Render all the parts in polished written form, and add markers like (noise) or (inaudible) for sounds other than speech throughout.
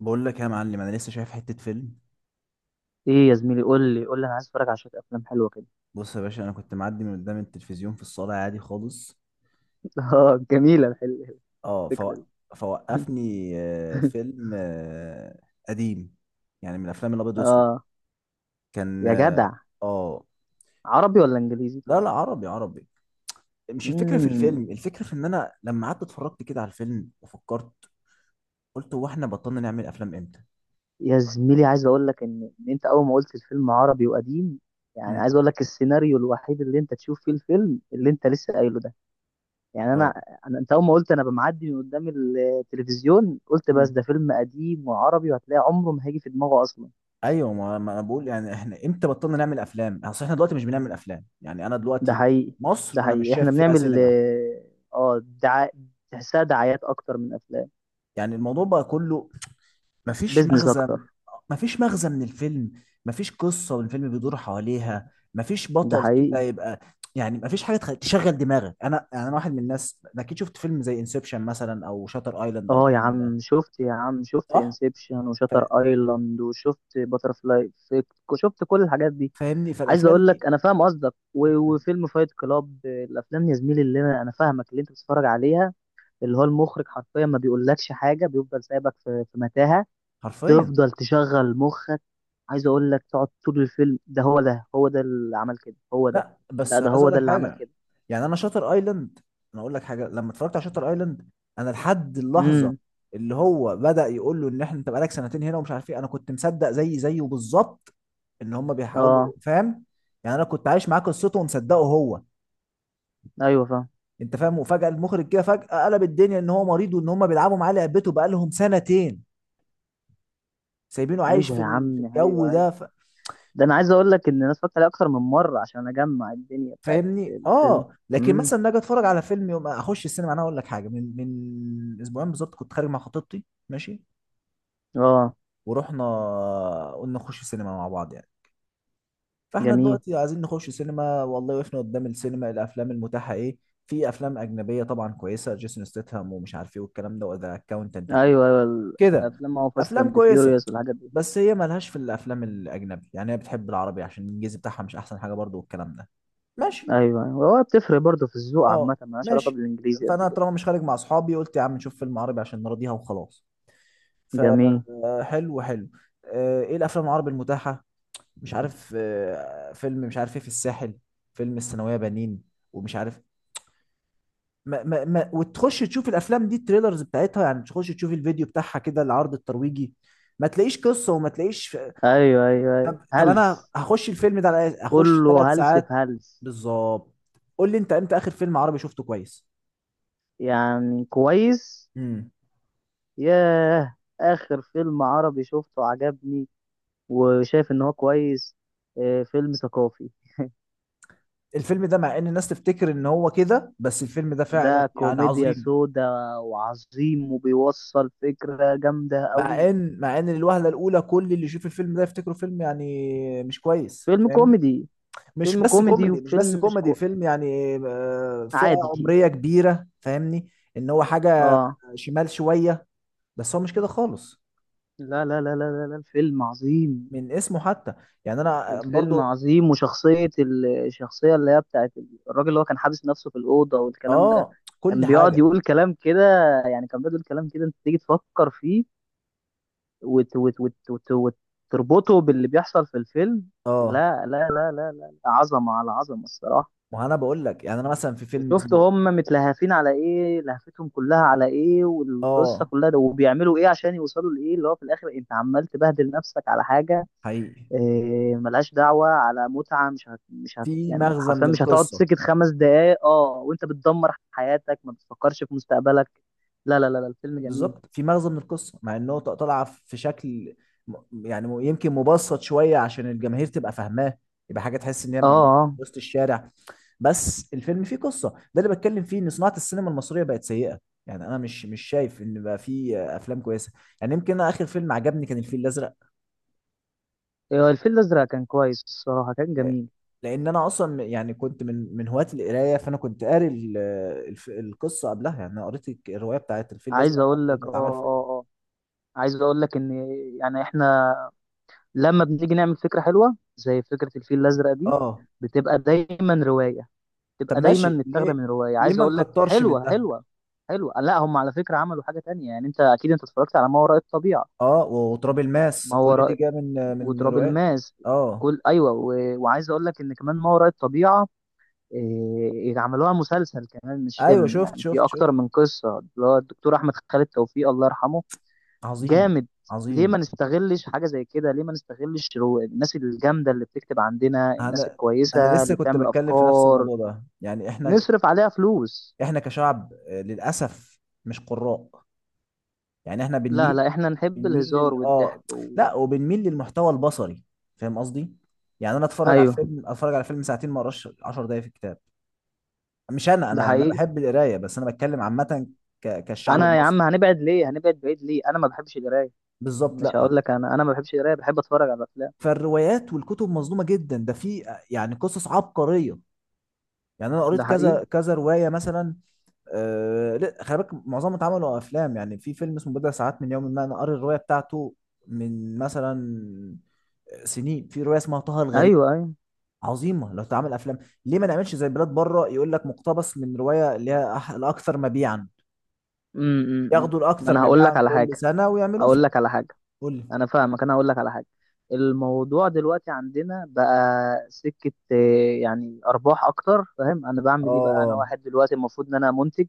بقول لك يا معلم، انا لسه شايف حته فيلم. ايه يا زميلي، قول لي. انا عايز اتفرج على شويه افلام حلوه كده. بص يا باشا، انا كنت معدي من قدام التلفزيون في الصاله عادي خالص. (laughs) اه، جميله اه فو... الفكره دي. (laughs) فوقفني فيلم قديم، يعني من الافلام الابيض واسود. اه كان يا اه جدع، آه، عربي ولا انجليزي لا طيب؟ لا، عربي عربي. مش الفكره في الفيلم، امم الفكره في ان انا لما قعدت اتفرجت كده على الفيلم وفكرت، قلت هو احنا بطلنا نعمل افلام امتى؟ يا زميلي، عايز اقول لك ان انت اول ما قلت الفيلم عربي وقديم، يعني امم. عايز اقول لك السيناريو الوحيد اللي انت تشوف فيه الفيلم اللي انت لسه قايله ده. يعني انا اه. انا انت اول ما قلت انا بمعدي من قدام التلفزيون، قلت بس ده مم. فيلم قديم وعربي، وهتلاقي عمره ما هيجي في دماغه اصلا. ايوه، ما ما انا بقول يعني احنا امتى بطلنا نعمل افلام؟ يعني اصل احنا دلوقتي مش بنعمل افلام. يعني انا ده دلوقتي حقيقي. مصر ده انا مش حقيقي، شايف احنا فيها بنعمل سينما. آه، دعا... تحسها دعايات اكتر من افلام. يعني الموضوع بقى كله مفيش بيزنس مغزى، اكتر. مفيش مغزى من الفيلم، مفيش قصة والفيلم بيدور حواليها، مفيش ده بطل حقيقي. كده يبقى، يعني مفيش حاجة تشغل دماغك. انا يعني انا واحد من الناس، أنا اكيد شفت فيلم زي انسبشن مثلا او شاتر ايلاند او اه يا الكلام ده. عم شفت، يا عم شفت صح. انسبشن وشاتر فا- ايلاند، وشفت باترفلاي افكت، وشفت كل الحاجات دي. فاهمني، عايز فالافلام اقول دي لك انا فاهم قصدك وفيلم فايت كلاب. الافلام يا زميلي اللي انا فاهمك اللي انت بتتفرج عليها، اللي هو المخرج حرفيا ما بيقولكش حاجه، بيفضل سايبك في متاهه، حرفيا. تفضل تشغل مخك. عايز اقول لك تقعد طول الفيلم ده. هو ده، هو ده اللي عمل كده، هو ده. لا، لا، بس ده عايز هو اقول ده لك اللي عمل حاجه. كده. يعني انا شاتر ايلاند، انا اقول لك حاجه، لما اتفرجت على شاتر ايلاند انا لحد اللحظه امم اللي هو بدأ يقول له ان احنا انت بقالك سنتين هنا ومش عارف ايه، انا كنت مصدق زي زيه بالظبط ان هم بيحاولوا، اه. فاهم؟ يعني انا كنت عايش معاه قصته ومصدقه هو، ايوه فاهم. انت فاهم؟ وفجأة المخرج كده فجأة قلب الدنيا ان هو مريض وان هم بيلعبوا معاه لعبته بقالهم سنتين سايبينه عايش ايوه في يا في عم، الجو ايوه ايوه. ده. ده انا عايز اقول لك ان انا اتفرجت عليه اكتر من مره عشان اجمع الدنيا بتاعت فاهمني؟ الفيلم. اه، لكن امم مثلا لما اجي اتفرج على فيلم، يوم اخش السينما، انا اقول لك حاجه، من اسبوعين بالظبط كنت خارج مع خطيبتي. ماشي. اه. ورحنا، قلنا نخش السينما مع بعض يعني. فاحنا جميل. دلوقتي عايزين نخش سينما، والله وقفنا قدام السينما الافلام المتاحه ايه؟ في افلام اجنبيه طبعا كويسه، جيسون ستيتهام ومش عارف ايه والكلام ده وذا اكاونتنت ايوه ايوه. كده، الافلام هو فاست افلام اند كويسه، فيوريوس والحاجات دي. بس هي ملهاش في الافلام الاجنبي، يعني هي بتحب العربي عشان الانجليزي بتاعها مش احسن حاجه برضو والكلام ده. ماشي. ايوه ايوه، هو بتفرق برضه في الذوق اه، عامه، مالهاش علاقه ماشي. بالانجليزي قد فانا كده. طالما مش خارج مع اصحابي قلت يا عم نشوف فيلم عربي عشان نراضيها وخلاص. جميل. فحلو حلو. ايه الافلام العربي المتاحه؟ مش عارف، فيلم مش عارف ايه في الساحل، فيلم الثانويه بنين، ومش عارف. ما ما ما وتخش تشوف الافلام دي، التريلرز بتاعتها يعني، تخش تشوف الفيديو بتاعها كده العرض الترويجي، ما تلاقيش قصه وما تلاقيش. ايوه ايوه طب ايوه، طب، انا هلس. هخش الفيلم ده على إيه؟ هخش كله ثلاث هلس ساعات؟ في هلس. بالظبط. قول لي انت امتى اخر فيلم عربي شفته كويس؟ يعني كويس. مم. ياه، آخر فيلم عربي شفته عجبني وشايف إن هو كويس، فيلم ثقافي. الفيلم ده مع ان الناس تفتكر ان هو كده، بس الفيلم ده ده فعلا يعني كوميديا عظيم. سودا، وعظيم، وبيوصل فكرة جامدة مع قوي. ان مع ان الوهله الاولى كل اللي يشوف الفيلم ده يفتكره فيلم يعني مش كويس، فيلم فاهمني؟ كوميدي. مش فيلم بس كوميدي، كوميدي، مش بس وفيلم مش كوميدي، كو... فيلم يعني، فئه عادي. عمريه كبيره، فاهمني؟ ان هو حاجه اه. شمال شويه، بس هو مش كده خالص، لا لا لا لا لا لا، الفيلم عظيم. من اسمه حتى. يعني انا الفيلم برضو. عظيم، وشخصية الشخصية اللي هي بتاعت الراجل اللي هو كان حابس نفسه في الأوضة والكلام ده. اه، كل كان بيقعد حاجه. يقول كلام كده، يعني كان بيقعد يقول كلام كده انت تيجي تفكر فيه وت وت وت وت وتربطه باللي بيحصل في الفيلم. اه، لا لا لا لا لا، عظمة على عظمة الصراحة. ما انا بقول لك، يعني انا مثلا في فيلم وشفت اسمه، هم متلهفين على ايه، لهفتهم كلها على ايه، والقصة اه، كلها ده، وبيعملوا ايه عشان يوصلوا لايه، اللي هو في الاخر انت عمال تبهدل نفسك على حاجة حقيقي، ملهاش دعوة على متعة. مش هت في يعني، مغزى حرفيا من مش هتقعد القصه. سكت 5 دقايق، اه، وانت بتدمر حياتك ما بتفكرش في مستقبلك. لا لا لا لا، الفيلم جميل. بالظبط، في مغزى من القصه، مع انه طالعه في شكل م- يعني يمكن مبسط شويه عشان الجماهير تبقى فاهماه، يبقى حاجه تحس ان هي اه من اه وسط الشارع. بس الفيلم فيه قصه، ده اللي بتكلم فيه، ان صناعه السينما المصريه بقت سيئه. يعني انا مش شايف ان بقى فيه افلام كويسه. يعني يمكن انا اخر فيلم عجبني كان الفيل الازرق. إيه، الفيل الازرق كان كويس الصراحة، كان ل- جميل. لان انا اصلا يعني كنت من هواة القرايه، فانا كنت قاري القصه قبلها، يعني انا قريت الروايه بتاعت الفيل الازرق عايز اقول قبل لك ما اتعمل فيلم. اه. عايز اقول لك ان يعني احنا لما بنيجي نعمل فكره حلوه زي فكره الفيل الازرق دي، اه. بتبقى دايما روايه. طب بتبقى دايما ماشي، متاخده ليه من روايه. ليه عايز ما اقول لك نكترش من حلوه. ده؟ حلوه. لا، هم على فكره عملوا حاجه تانية. يعني انت اكيد انت اتفرجت على ما وراء الطبيعه. اه، وتراب الماس، ما كل دي وراء جايه من وتراب روايات. الماس، اه. كل ايوه وعايز اقول لك ان كمان ما وراء الطبيعه عملوها مسلسل كمان مش ايوه فيلم، شفت يعني في شفت شفت. اكتر من قصه، اللي هو الدكتور احمد خالد توفيق، الله يرحمه. عظيم جامد. ليه ما عظيم. نستغلش حاجة زي كده؟ ليه ما نستغلش الناس الجامدة اللي بتكتب عندنا، الناس انا انا الكويسة لسه اللي كنت بتعمل بتكلم في نفس أفكار؟ الموضوع ده، يعني احنا نصرف عليها فلوس. احنا كشعب، للاسف مش قراء. يعني احنا لا بنميل، لا، احنا نحب بنميل الهزار لل اه والضحك لا، وبنميل للمحتوى البصري، فاهم قصدي؟ يعني انا اتفرج على ايوه. الفيلم اتفرج على فيلم ساعتين، ما اقراش 10 دقايق في الكتاب. مش انا ده انا يعني انا حقيقي. بحب القرايه، بس انا بتكلم عامه، كالشعب انا يا عم المصري. هنبعد ليه، هنبعد بعيد ليه؟ انا ما بحبش القراية. بالظبط. مش لا. هقول لك انا، ما بحبش القراية، بحب اتفرج على الافلام. فالروايات والكتب مظلومه جدا، ده في يعني قصص عبقريه. يعني انا قريت ده حقيقي. كذا كذا روايه مثلا. آه، لا خلي بالك معظمهم اتعملوا افلام. يعني في فيلم اسمه بضع ساعات من يوم ما انا قاري الروايه بتاعته. من مثلا، سنين، في روايه اسمها طه الغريب، ايوه ايوه. عظيمه لو اتعمل افلام. ليه ما نعملش زي بلاد بره، يقول لك مقتبس من روايه اللي هي الاكثر مبيعا، أمم، أمم. ياخدوا ما الاكثر انا هقول لك مبيعا على كل حاجة. سنه ويعملوه هقول فيلم. لك على حاجة. قول لي. انا فاهمك، انا هقول لك على حاجه. الموضوع دلوقتي عندنا بقى سكه، يعني ارباح اكتر، فاهم؟ انا بعمل ايه بقى؟ اه انا واحد دلوقتي المفروض ان انا منتج،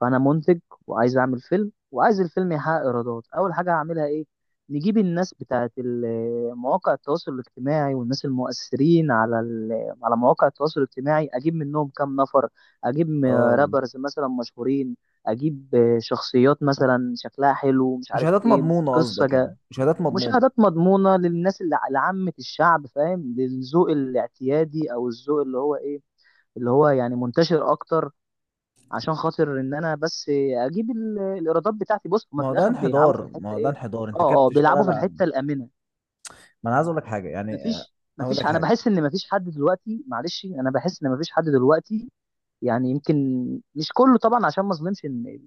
فانا منتج وعايز اعمل فيلم، وعايز الفيلم يحقق ايرادات. اول حاجه هعملها ايه؟ نجيب الناس بتاعت مواقع التواصل الاجتماعي، والناس المؤثرين على على مواقع التواصل الاجتماعي، اجيب منهم كام نفر. اجيب م- اه. رابرز مثلا مشهورين، اجيب شخصيات مثلا شكلها حلو، مش عارف مشاهدات ايه. مضمونه قصدك؟ يعني قصه مشاهدات مضمونه. مشاهدات مضمونة للناس اللي لعامة الشعب، فاهم؟ للذوق الاعتيادي، او الذوق اللي هو ايه، اللي هو يعني منتشر اكتر، عشان خاطر ان انا بس اجيب الايرادات بتاعتي. بص، هما ما في هو ده الاخر بيلعبوا في انحدار، ما الحتة هو ده ايه؟ انحدار، انت كده اه بيلعبوا بتشتغل في على. الحتة الامنة. ما انا عايز اقول لك حاجه، يعني مفيش اقول مفيش لك انا حاجه. بحس ان مفيش حد دلوقتي، معلش، انا بحس ان مفيش حد دلوقتي، يعني يمكن مش كله طبعا عشان ما اظلمش ان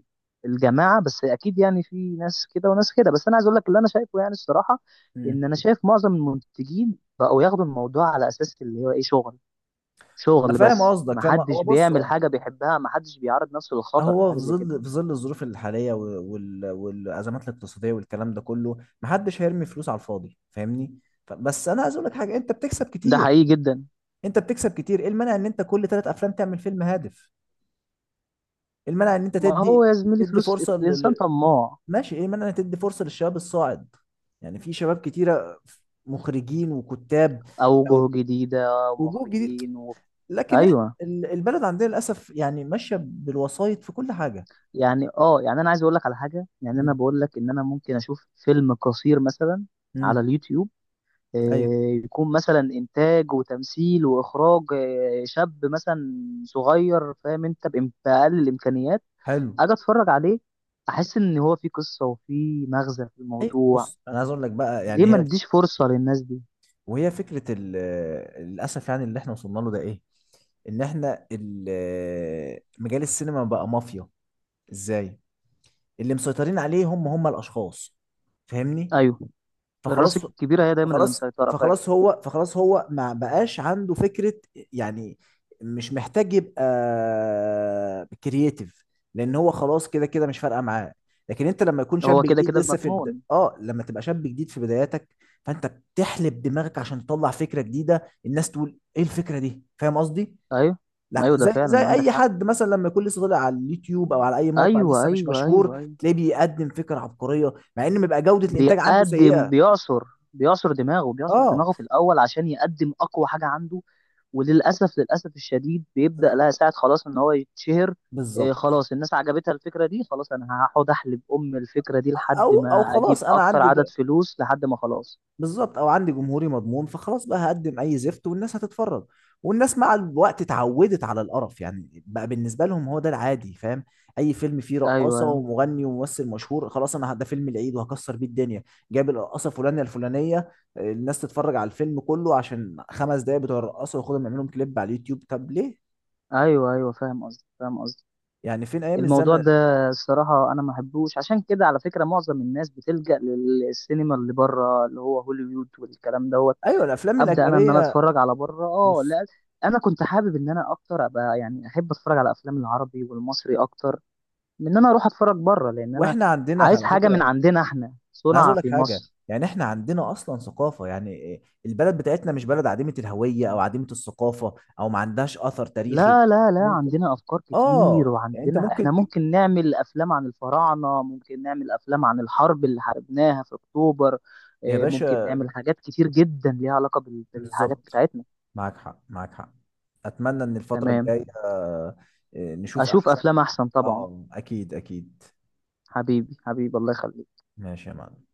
الجماعه، بس اكيد يعني في ناس كده وناس كده، بس انا عايز اقول لك اللي انا شايفه يعني الصراحه، ان مم. انا شايف معظم المنتجين بقوا ياخدوا الموضوع على اساس اللي هو ايه، شغل. انا شغل فاهم بس، ما قصدك، فاهم. هو حدش بص، بيعمل هو حاجه بيحبها، ما حدش بيعرض نفسه للخطر في هو حاجه في زي كده. ظل، في ظل الظروف الحاليه والازمات الاقتصاديه والكلام ده كله، محدش هيرمي فلوس على الفاضي، فاهمني؟ بس انا عايز اقول لك حاجه، انت بتكسب ده كتير، حقيقي جدا. انت بتكسب كتير، ايه المانع ان انت كل ثلاث افلام تعمل فيلم هادف؟ ايه المانع ان انت ما تدي هو يا زميلي تدي فلوس، فرصه الانسان لل... طماع. ماشي، ايه المانع ان تدي فرصه للشباب الصاعد؟ يعني في شباب كتيره، مخرجين وكتاب، اوجه جديده وجوه جديد. ومخرجين لكن احنا ايوه. البلد عندنا للاسف يعني ماشيه بالوسائط في كل حاجه. يعني يعني انا عايز اقول لك على حاجه. يعني انا مم. بقول لك ان انا ممكن اشوف فيلم قصير مثلا على مم. اليوتيوب، آه، ايوه. يكون مثلا انتاج وتمثيل واخراج، شاب مثلا صغير، فاهم؟ انت باقل الامكانيات، حلو. اجي اتفرج عليه، احس ان هو في قصه وفي مغزى في اي، الموضوع. بص انا عايز اقول لك بقى، ليه يعني ما هي، نديش فرصه للناس دي؟ وهي فكره للاسف، يعني اللي احنا وصلنا له ده ايه؟ ان احنا مجال السينما بقى مافيا. ازاي؟ اللي مسيطرين عليه هم الاشخاص، فاهمني؟ ايوه. الراس فخلاص، الكبيره هي دايما اللي فخلاص مسيطره، فاهم. فخلاص هو فخلاص هو ما بقاش عنده فكرة. يعني مش محتاج يبقى كرييتيف، لان هو خلاص كده كده مش فارقة معاه. لكن انت لما يكون شاب هو كده جديد كده لسه في بد... مضمون. اه لما تبقى شاب جديد في بداياتك، فانت بتحلب دماغك عشان تطلع فكرة جديدة الناس تقول ايه الفكرة دي، فاهم قصدي؟ ايوه لا ايوه، ده زي فعلا عندك اي حق. حد مثلا لما يكون لسه طالع على اليوتيوب او على اي موقع ايوه لسه مش ايوه ايوه مشهور، ايوه. تلاقيه بيقدم فكرة عبقرية مع ان بيبقى جودة الانتاج عنده بيقدم سيئة. بيعصر. بيعصر دماغه، بيعصر اه. دماغه في الأول عشان يقدم أقوى حاجة عنده. وللأسف، للأسف الشديد، بيبدأ لا، لها ساعة خلاص إن هو يتشهر. إيه، بالظبط. خلاص الناس عجبتها الفكرة دي، خلاص أنا هقعد أحلب أم الفكرة دي لحد او ما أجيب خلاص انا أكتر عندي عدد فلوس، لحد ما خلاص. بالظبط، او عندي جمهوري مضمون، فخلاص بقى هقدم اي زفت والناس هتتفرج. والناس مع الوقت اتعودت على القرف، يعني بقى بالنسبه لهم هو ده العادي، فاهم؟ اي فيلم فيه أيوه رقاصه أيوه ومغني وممثل مشهور، خلاص انا ده فيلم العيد وهكسر بيه الدنيا. جايب الرقاصه فلانه الفلانيه، الناس تتفرج على الفيلم كله عشان خمس دقايق بتوع الرقاصه، وياخدهم يعملوا لهم كليب على اليوتيوب. طب ليه؟ أيوه أيوه، فاهم قصدي، فاهم قصدي. يعني فين ايام الموضوع الزمن؟ ده الصراحة أنا ما بحبوش، عشان كده على فكرة معظم الناس بتلجأ للسينما اللي بره، اللي هو هوليوود والكلام ده. ايوه، الافلام ابدا، انا انا الاجنبيه. اتفرج على بره، اه بص، لا. انا كنت حابب ان انا اكتر ابقى يعني احب اتفرج على افلام العربي والمصري اكتر من ان انا اروح اتفرج بره، لان انا واحنا عندنا عايز على حاجه من فكره، عندنا، احنا انا عايز صنع اقول لك في حاجه، مصر. يعني احنا عندنا اصلا ثقافه، يعني إيه، البلد بتاعتنا مش بلد عديمه الهويه او عديمه الثقافه او ما عندهاش اثر تاريخي. لا لا لا، ممكن. عندنا افكار كتير، اه يعني انت وعندنا احنا ممكن ممكن نعمل افلام عن الفراعنه، ممكن نعمل افلام عن الحرب اللي حاربناها في اكتوبر، يا إيه، ممكن باشا، نعمل حاجات كتير جدا ليها علاقه بالحاجات بالظبط، بتاعتنا. معاك حق معاك حق. اتمنى ان الفتره تمام. الجايه، نشوف اشوف احسن. افلام احسن طبعا. اه، اكيد اكيد. حبيبي، حبيبي، الله يخليك. ماشي يا معلم.